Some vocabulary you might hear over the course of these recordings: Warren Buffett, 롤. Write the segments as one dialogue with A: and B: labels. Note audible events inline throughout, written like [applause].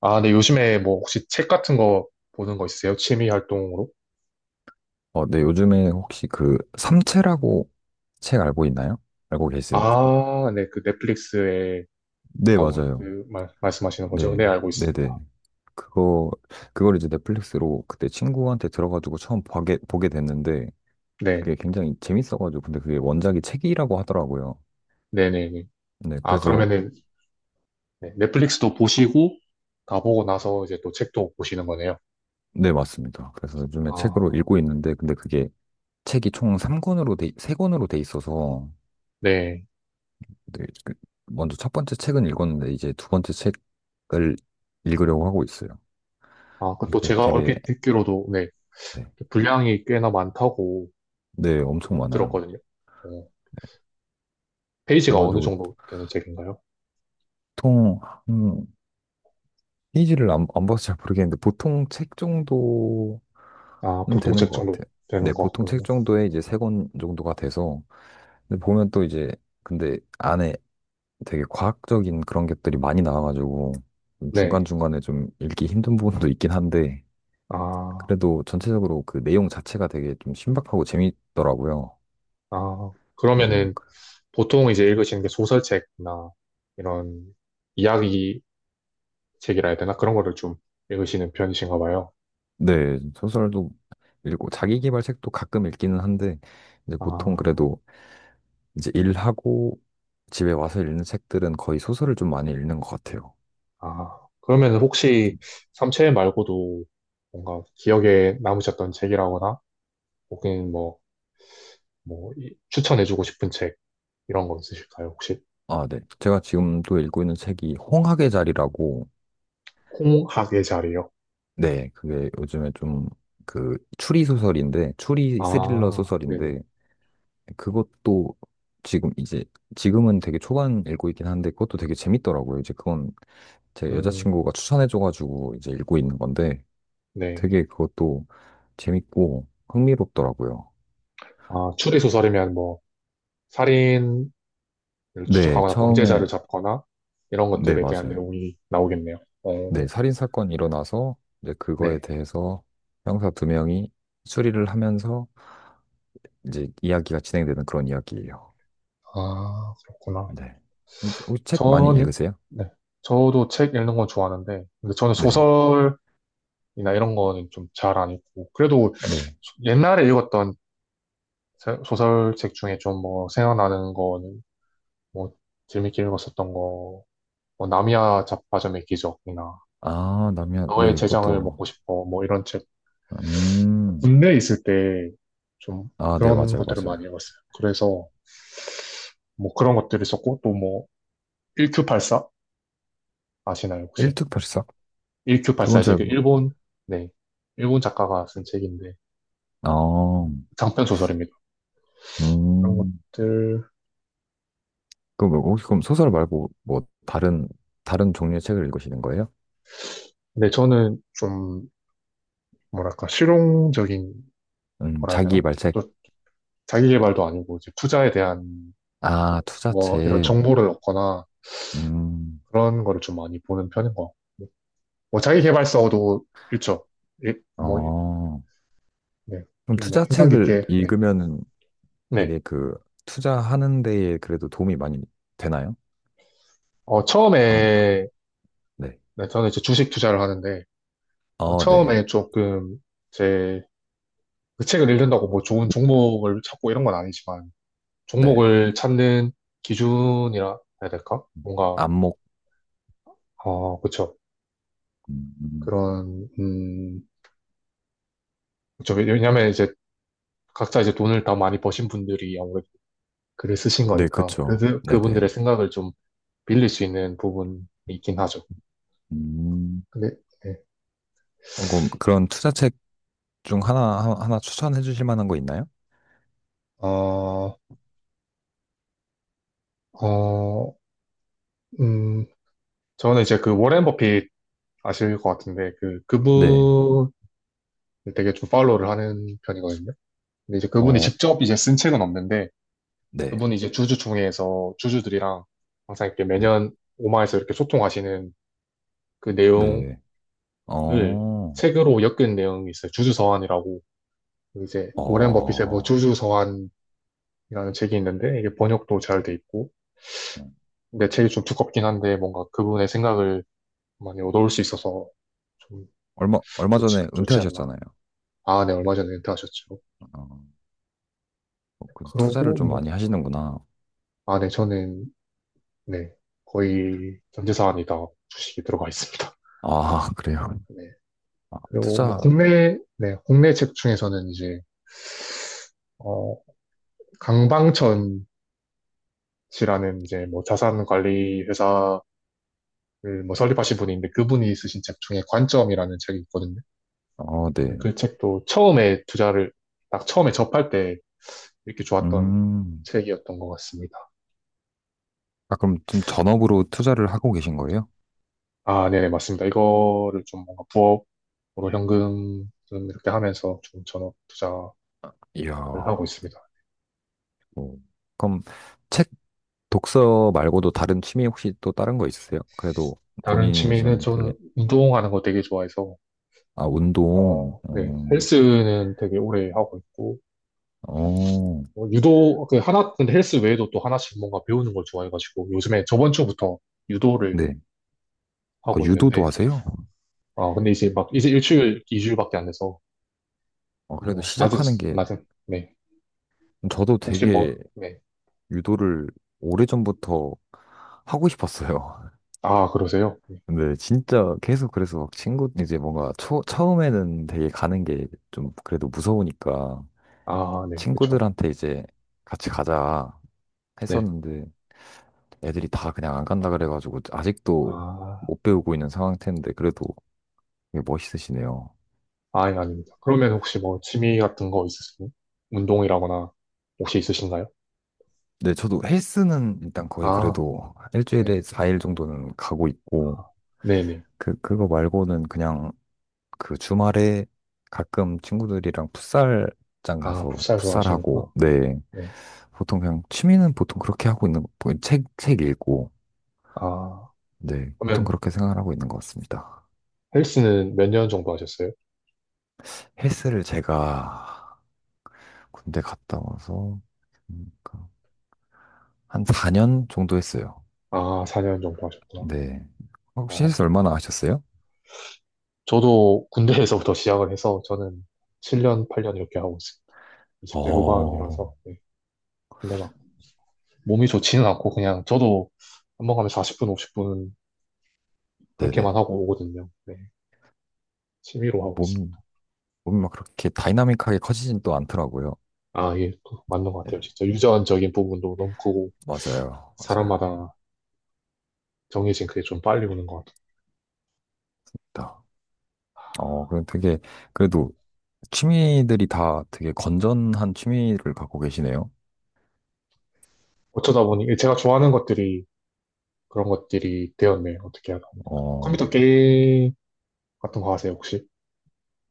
A: 아, 네, 요즘에 뭐 혹시 책 같은 거 보는 거 있으세요? 취미 활동으로?
B: 네, 요즘에 혹시 그 삼체라고 책 알고 있나요? 알고 계세요?
A: 아, 네, 그 넷플릭스에
B: 네,
A: 나온
B: 맞아요.
A: 그 말씀하시는 거죠?
B: 네,
A: 네, 알고
B: 네네.
A: 있습니다.
B: 그거, 그걸 이제 넷플릭스로 그때 친구한테 들어가지고 처음 보게 됐는데,
A: 네,
B: 그게 굉장히 재밌어가지고, 근데 그게 원작이 책이라고 하더라고요.
A: 네네네.
B: 네,
A: 아,
B: 그래서,
A: 그러면은, 네, 넷플릭스도 보시고, 다 보고 나서 이제 또 책도 보시는 거네요.
B: 네, 맞습니다. 그래서 요즘에 책으로
A: 아,
B: 읽고 있는데, 근데 그게 책이 총 3권으로 돼 있어서,
A: 네.
B: 네, 그 먼저 첫 번째 책은 읽었는데, 이제 두 번째 책을 읽으려고 하고 있어요.
A: 아, 그
B: 네,
A: 또
B: 그
A: 제가
B: 되게
A: 얼핏 듣기로도, 네,
B: 네,
A: 분량이 꽤나 많다고
B: 네, 엄청
A: 얼핏
B: 많아요.
A: 들었거든요. 어, 페이지가 어느
B: 그래가지고
A: 정도 되는 책인가요?
B: 보통 한 페이지를 안 봐서 잘 모르겠는데 보통 책 정도는
A: 아, 보통
B: 되는
A: 책
B: 것
A: 정도
B: 같아요.
A: 되는
B: 네,
A: 것
B: 보통
A: 같군요.
B: 책 정도에 이제 세 권 정도가 돼서 근데 보면 또 이제 근데 안에 되게 과학적인 그런 것들이 많이 나와가지고 좀
A: 네.
B: 중간중간에 좀 읽기 힘든 부분도 있긴 한데
A: 아.
B: 그래도 전체적으로 그 내용 자체가 되게 좀 신박하고 재밌더라고요.
A: 아,
B: 네,
A: 그러면은 보통 이제 읽으시는 게 소설책이나 이런 이야기 책이라 해야 되나? 그런 거를 좀 읽으시는 편이신가 봐요.
B: 네, 소설도 읽고 자기계발 책도 가끔 읽기는 한데 이제 보통
A: 아.
B: 그래도 이제 일하고 집에 와서 읽는 책들은 거의 소설을 좀 많이 읽는 것 같아요.
A: 아, 그러면은 혹시 삼체 말고도 뭔가 기억에 남으셨던 책이라거나 혹은 뭐, 뭐 추천해주고 싶은 책 이런 거 있으실까요? 혹시.
B: 아, 네. 제가 지금 또 읽고 있는 책이 홍학의 자리라고
A: 콩학의 자리요?
B: 네, 그게 요즘에 좀 그 추리 소설인데 추리 스릴러
A: 아, 네네.
B: 소설인데 그것도 지금 이제 지금은 되게 초반 읽고 있긴 한데 그것도 되게 재밌더라고요. 이제 그건 제
A: 음,
B: 여자친구가 추천해줘가지고 이제 읽고 있는 건데
A: 네.
B: 되게 그것도 재밌고 흥미롭더라고요.
A: 아, 추리소설이면 뭐 살인
B: 네,
A: 추적하거나
B: 처음에,
A: 범죄자를 잡거나 이런
B: 네,
A: 것들에 대한
B: 맞아요.
A: 내용이 나오겠네요. 어,
B: 네, 살인사건이 일어나서 이제 그거에
A: 네.
B: 대해서 형사 두 명이 수리를 하면서 이제 이야기가 진행되는 그런 이야기예요.
A: 아, 그렇구나.
B: 네. 혹시 책 많이
A: 저는,
B: 읽으세요?
A: 네. 저도 책 읽는 건 좋아하는데, 근데 저는
B: 네,
A: 소설이나 이런 거는 좀 잘 안 읽고, 그래도
B: 네.
A: 옛날에 읽었던 소설책 중에 좀 뭐 생각나는 거는, 뭐 재밌게 읽었었던 거, 뭐 나미야 잡화점의 기적이나
B: 아, 남면,
A: 너의
B: 네,
A: 재장을
B: 그것도,
A: 먹고 싶어, 뭐 이런 책.
B: 음,
A: 군대에 있을 때 좀
B: 아, 네,
A: 그런
B: 맞아요,
A: 것들을 많이
B: 맞아요.
A: 읽었어요. 그래서 뭐 그런 것들이 있었고, 또 뭐, 1Q84 아시나요, 혹시?
B: 일특별사?
A: 1 q 8
B: 그건
A: 4 이제
B: 잘,
A: 그
B: 모-
A: 일본, 네. 일본 작가가 쓴 책인데,
B: 아,
A: 장편 소설입니다. 그런
B: 음.
A: 것들.
B: 그럼 뭐 혹시 그럼 소설 말고 뭐 다른 종류의 책을 읽으시는 거예요?
A: 근데 저는 좀, 뭐랄까, 실용적인 거라 해야
B: 자기
A: 되나?
B: 말책.
A: 또 자기 개발도 아니고, 이제 투자에 대한
B: 아,
A: 뭐 이런
B: 투자책.
A: 정보를 얻거나
B: 음,
A: 그런 거를 좀 많이 보는 편인 것 같고. 뭐 자기 개발서도 있죠. 예, 뭐,
B: 어.
A: 네.
B: 그럼
A: 또뭐 인상
B: 투자책을
A: 깊게, 네.
B: 읽으면은
A: 네.
B: 되게 그 투자하는 데에 그래도 도움이 많이 되나요?
A: 어,
B: 암,
A: 처음에,
B: 네.
A: 네, 저는 이제 주식 투자를 하는데, 어,
B: 어, 네.
A: 처음에 조금 제, 그 책을 읽는다고 뭐 좋은 종목을 찾고 이런 건 아니지만,
B: 네.
A: 종목을 찾는 기준이라 해야 될까? 뭔가,
B: 안목.
A: 그쵸,
B: 음,
A: 그런, 그쵸. 왜냐면 이제 각자 이제 돈을 다 많이 버신 분들이 아무래도 글을 쓰신
B: 네,
A: 거니까
B: 그쵸.
A: 그
B: 네네.
A: 그분들의 생각을 좀 빌릴 수 있는 부분이 있긴 하죠.
B: 음,
A: 근데, 네.
B: 그럼 그런 투자책 중 하나 추천해 주실 만한 거 있나요?
A: 어, 어, 음, 저는 이제 그 워렌 버핏 아실 것 같은데, 그
B: 네.
A: 그분 되게 좀 팔로우를 하는 편이거든요. 근데 이제 그분이
B: 어,
A: 직접 이제 쓴 책은 없는데,
B: 네.
A: 그분이 이제 주주총회에서 주주들이랑 항상 이렇게
B: 네.
A: 매년 오마에서 이렇게 소통하시는 그 내용을
B: 네. 어.
A: 책으로 엮은 내용이 있어요. 주주 서한이라고, 이제 워렌 버핏의 뭐
B: 어,
A: 주주 서한이라는 책이 있는데, 이게 번역도 잘 돼 있고, 근데 책이 좀 두껍긴 한데, 뭔가 그분의 생각을 많이 얻어올 수 있어서 좀
B: 얼마
A: 좋지
B: 전에
A: 좋지 않나.
B: 은퇴하셨잖아요.
A: 아, 네, 얼마 전에 은퇴하셨죠.
B: 어, 그래서 투자를
A: 그러고
B: 좀
A: 뭐,
B: 많이 하시는구나.
A: 아, 네, 저는, 네, 거의 전재산이 다 주식이 들어가 있습니다.
B: 아, [laughs] 그래요.
A: [laughs] 네,
B: 아,
A: 그리고 뭐
B: 투자,
A: 국내, 네, 국내 책 중에서는 이제 어, 강방천씨라는 이제 뭐 자산 관리 회사를 뭐 설립하신 분이 있는데, 그분이 쓰신 책 중에 관점이라는 책이 있거든요.
B: 어,
A: 저는
B: 네.
A: 그 책도 처음에 투자를 딱 처음에 접할 때 이렇게 좋았던
B: 음,
A: 책이었던 것 같습니다.
B: 아, 그럼 좀 전업으로 투자를 하고 계신 거예요?
A: 아, 네네, 맞습니다. 이거를 좀 뭔가 부업으로 현금 좀 이렇게 하면서 좀 전업 투자를
B: 이야,
A: 하고
B: 어,
A: 있습니다.
B: 그럼 책 독서 말고도 다른 취미 혹시 또 다른 거 있으세요? 그래도
A: 다른
B: 본인이
A: 취미는
B: 좀 되게,
A: 저는 운동하는 거 되게 좋아해서,
B: 아, 운동,
A: 어, 네, 헬스는 되게 오래 하고 있고,
B: 어,
A: 유도, 그 하나, 근데 헬스 외에도 또 하나씩 뭔가 배우는 걸 좋아해가지고, 요즘에 저번 주부터 유도를
B: 네. 아,
A: 하고
B: 유도도
A: 있는데,
B: 하세요?
A: 근데 이제 막, 이제 일주일, 이주일밖에 안 돼서,
B: 그래도
A: 뭐, 낮은,
B: 시작하는 게,
A: 낮은, 네.
B: 저도
A: 혹시 뭐,
B: 되게
A: 네.
B: 유도를 오래전부터 하고 싶었어요.
A: 아, 그러세요? 네.
B: [laughs] 근데 진짜 계속 그래서 막 친구 이제 뭔가 처음에는 되게 가는 게 좀 그래도 무서우니까
A: 아, 네, 그쵸.
B: 친구들한테 이제 같이 가자
A: 네.
B: 했었는데 애들이 다 그냥 안 간다 그래가지고 아직도
A: 아,
B: 못 배우고 있는 상태인데 그래도 되게 멋있으시네요.
A: 예, 아닙니다. 그러면 혹시 뭐, 취미 같은 거 있으세요? 운동이라거나, 혹시 있으신가요?
B: 네, 저도 헬스는 일단 거의
A: 아,
B: 그래도
A: 네.
B: 일주일에 4일 정도는 가고 있고
A: 네네.
B: 그거 말고는 그냥 그 주말에 가끔 친구들이랑 풋살장
A: 아,
B: 가서
A: 풋살
B: 풋살하고,
A: 좋아하시는구나.
B: 네.
A: 네.
B: 보통 그냥 취미는 보통 그렇게 하고 있는, 뭐 책 읽고,
A: 아,
B: 네. 보통
A: 그러면
B: 그렇게 생각을 하고 있는 것 같습니다.
A: 헬스는 몇 년 정도 하셨어요?
B: 헬스를 제가 군대 갔다 와서, 그러니까 한 4년 정도 했어요.
A: 아, 4년 정도 하셨구나.
B: 네. 혹시 헬스
A: 어,
B: 얼마나 하셨어요?
A: 저도 군대에서부터 [laughs] 시작을 해서 저는 7년, 8년 이렇게 하고 있어요. 20대
B: 어,
A: 후반이라서. 네. 근데 막 몸이 좋지는 않고 그냥 저도 한 번 가면 40분, 50분 그렇게만
B: 네네.
A: 하고 오거든요. 네. 취미로 하고 있어요.
B: 몸이, 몸이 막 그렇게 다이나믹하게 커지진 또 않더라고요.
A: 아, 예, 또 맞는 것 같아요.
B: 네.
A: 진짜 유전적인 부분도 너무 크고,
B: 맞아요. 맞아요.
A: 사람마다 정해진 그게 좀 빨리 오는 것 같아요.
B: 그럼 되게, 그래도 취미들이 다 되게 건전한 취미를 갖고 계시네요.
A: 어쩌다 보니 제가 좋아하는 것들이 그런 것들이 되었네. 어떻게 하다 보니까.
B: 어,
A: 컴퓨터 게임 같은 거 하세요, 혹시?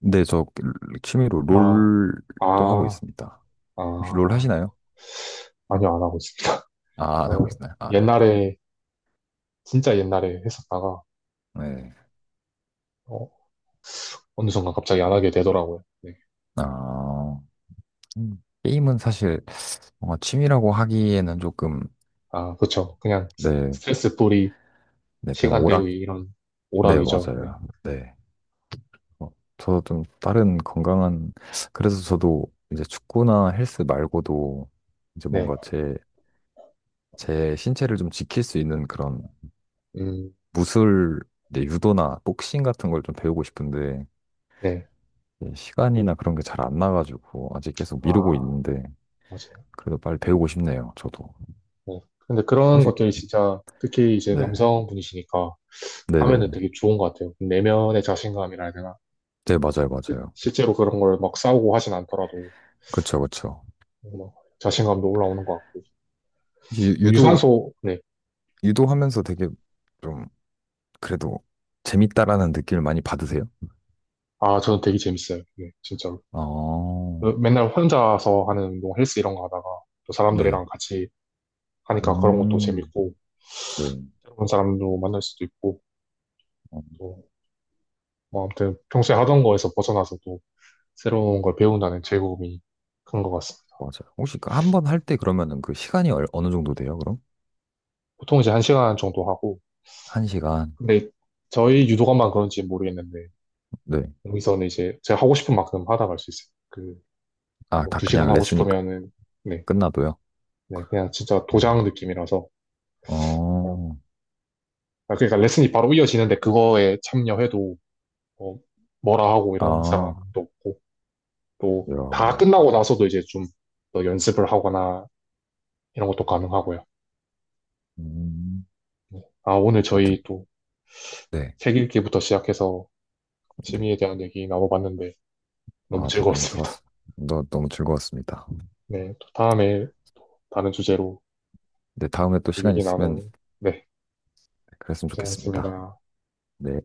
B: 근데 저 그 취미로
A: 아,
B: 롤도 하고
A: 아,
B: 있습니다. 혹시 롤
A: 아.
B: 하시나요?
A: 아니요, 안 하고 있습니다.
B: 아,
A: [laughs]
B: 안 하고
A: 저
B: 있나요? 아,
A: 옛날에, 진짜 옛날에 했었다가,
B: 예. 네.
A: 어, 어느 순간 갑자기 안 하게 되더라고요. 네.
B: 아, 게임은 사실 뭔가 취미라고 하기에는 조금,
A: 아, 그쵸. 그냥
B: 네,
A: 스트레스 풀이,
B: 네, 그냥
A: 시간
B: 오락,
A: 때우기, 이런
B: 네,
A: 오락이죠. 네.
B: 맞아요. 네. 어, 저도 좀 다른 건강한, 그래서 저도 이제 축구나 헬스 말고도 이제
A: 네.
B: 뭔가 제 신체를 좀 지킬 수 있는 그런
A: 음,
B: 무술, 이제 유도나 복싱 같은 걸 좀 배우고 싶은데
A: 네.
B: 예, 시간이나 그런 게 잘 안 나가지고 아직 계속 미루고
A: 아,
B: 있는데
A: 맞아요.
B: 그래도 빨리 배우고 싶네요. 저도
A: 네. 근데 그런
B: 혹시
A: 것들이 진짜, 특히 이제
B: 네,
A: 남성분이시니까 하면은
B: 네네,
A: 되게 좋은 것 같아요. 내면의 자신감이라 해야 되나?
B: 네 맞아요, 맞아요.
A: 실제로 그런 걸 막 싸우고 하진 않더라도
B: 그쵸, 그쵸.
A: 막 자신감도 올라오는 것 같고,
B: 유,
A: 뭐
B: 유도
A: 유산소, 네.
B: 유도하면서 되게 좀 그래도 재밌다라는 느낌을 많이 받으세요?
A: 아, 저는 되게 재밌어요. 네, 진짜로.
B: 아,
A: 맨날 혼자서 하는 운동, 헬스 이런 거 하다가 또
B: 네,
A: 사람들이랑 같이 하니까 그런 것도
B: 음,
A: 재밌고,
B: 네,
A: 새로운 사람도 만날 수도 있고,
B: 어,
A: 또 뭐 아무튼 평소에 하던 거에서 벗어나서 또 새로운 걸 배운다는 즐거움이 큰 것 같습니다.
B: 맞아요. 혹시 그 한번 할 때 그러면은 그 시간이 어느 정도 돼요, 그럼?
A: 보통 이제 1시간 정도 하고,
B: 한 시간.
A: 근데 저희 유도관만 그런지 모르겠는데
B: 네.
A: 여기서는 이제 제가 하고 싶은 만큼 하다 갈 수 있어요. 그,
B: 아,
A: 뭐
B: 다
A: 2시간
B: 그냥
A: 하고
B: 레슨이
A: 싶으면은, 네,
B: 끝나도요?
A: 네, 그냥 진짜 도장
B: 음.
A: 느낌이라서. 그냥,
B: 어,
A: 아, 그러니까 레슨이 바로 이어지는데 그거에 참여해도 뭐 뭐라 하고 이런
B: 아,
A: 사람도 없고, 또 다
B: 야,
A: 끝나고 나서도 이제 좀 더 연습을 하거나 이런 것도 가능하고요.
B: 음,
A: 네. 아, 오늘
B: 하여튼,
A: 저희 또
B: 네,
A: 책 읽기부터 시작해서
B: 네.
A: 취미에 대한 얘기 나눠봤는데 너무
B: 아, 네, 너무
A: 즐거웠습니다.
B: 좋았어. 너무 즐거웠습니다.
A: 네, 또 다음에 다른 주제로
B: 네, 다음에 또 시간
A: 얘기
B: 있으면
A: 나누, 네,
B: 그랬으면 좋겠습니다.
A: 고생하셨습니다.
B: 네.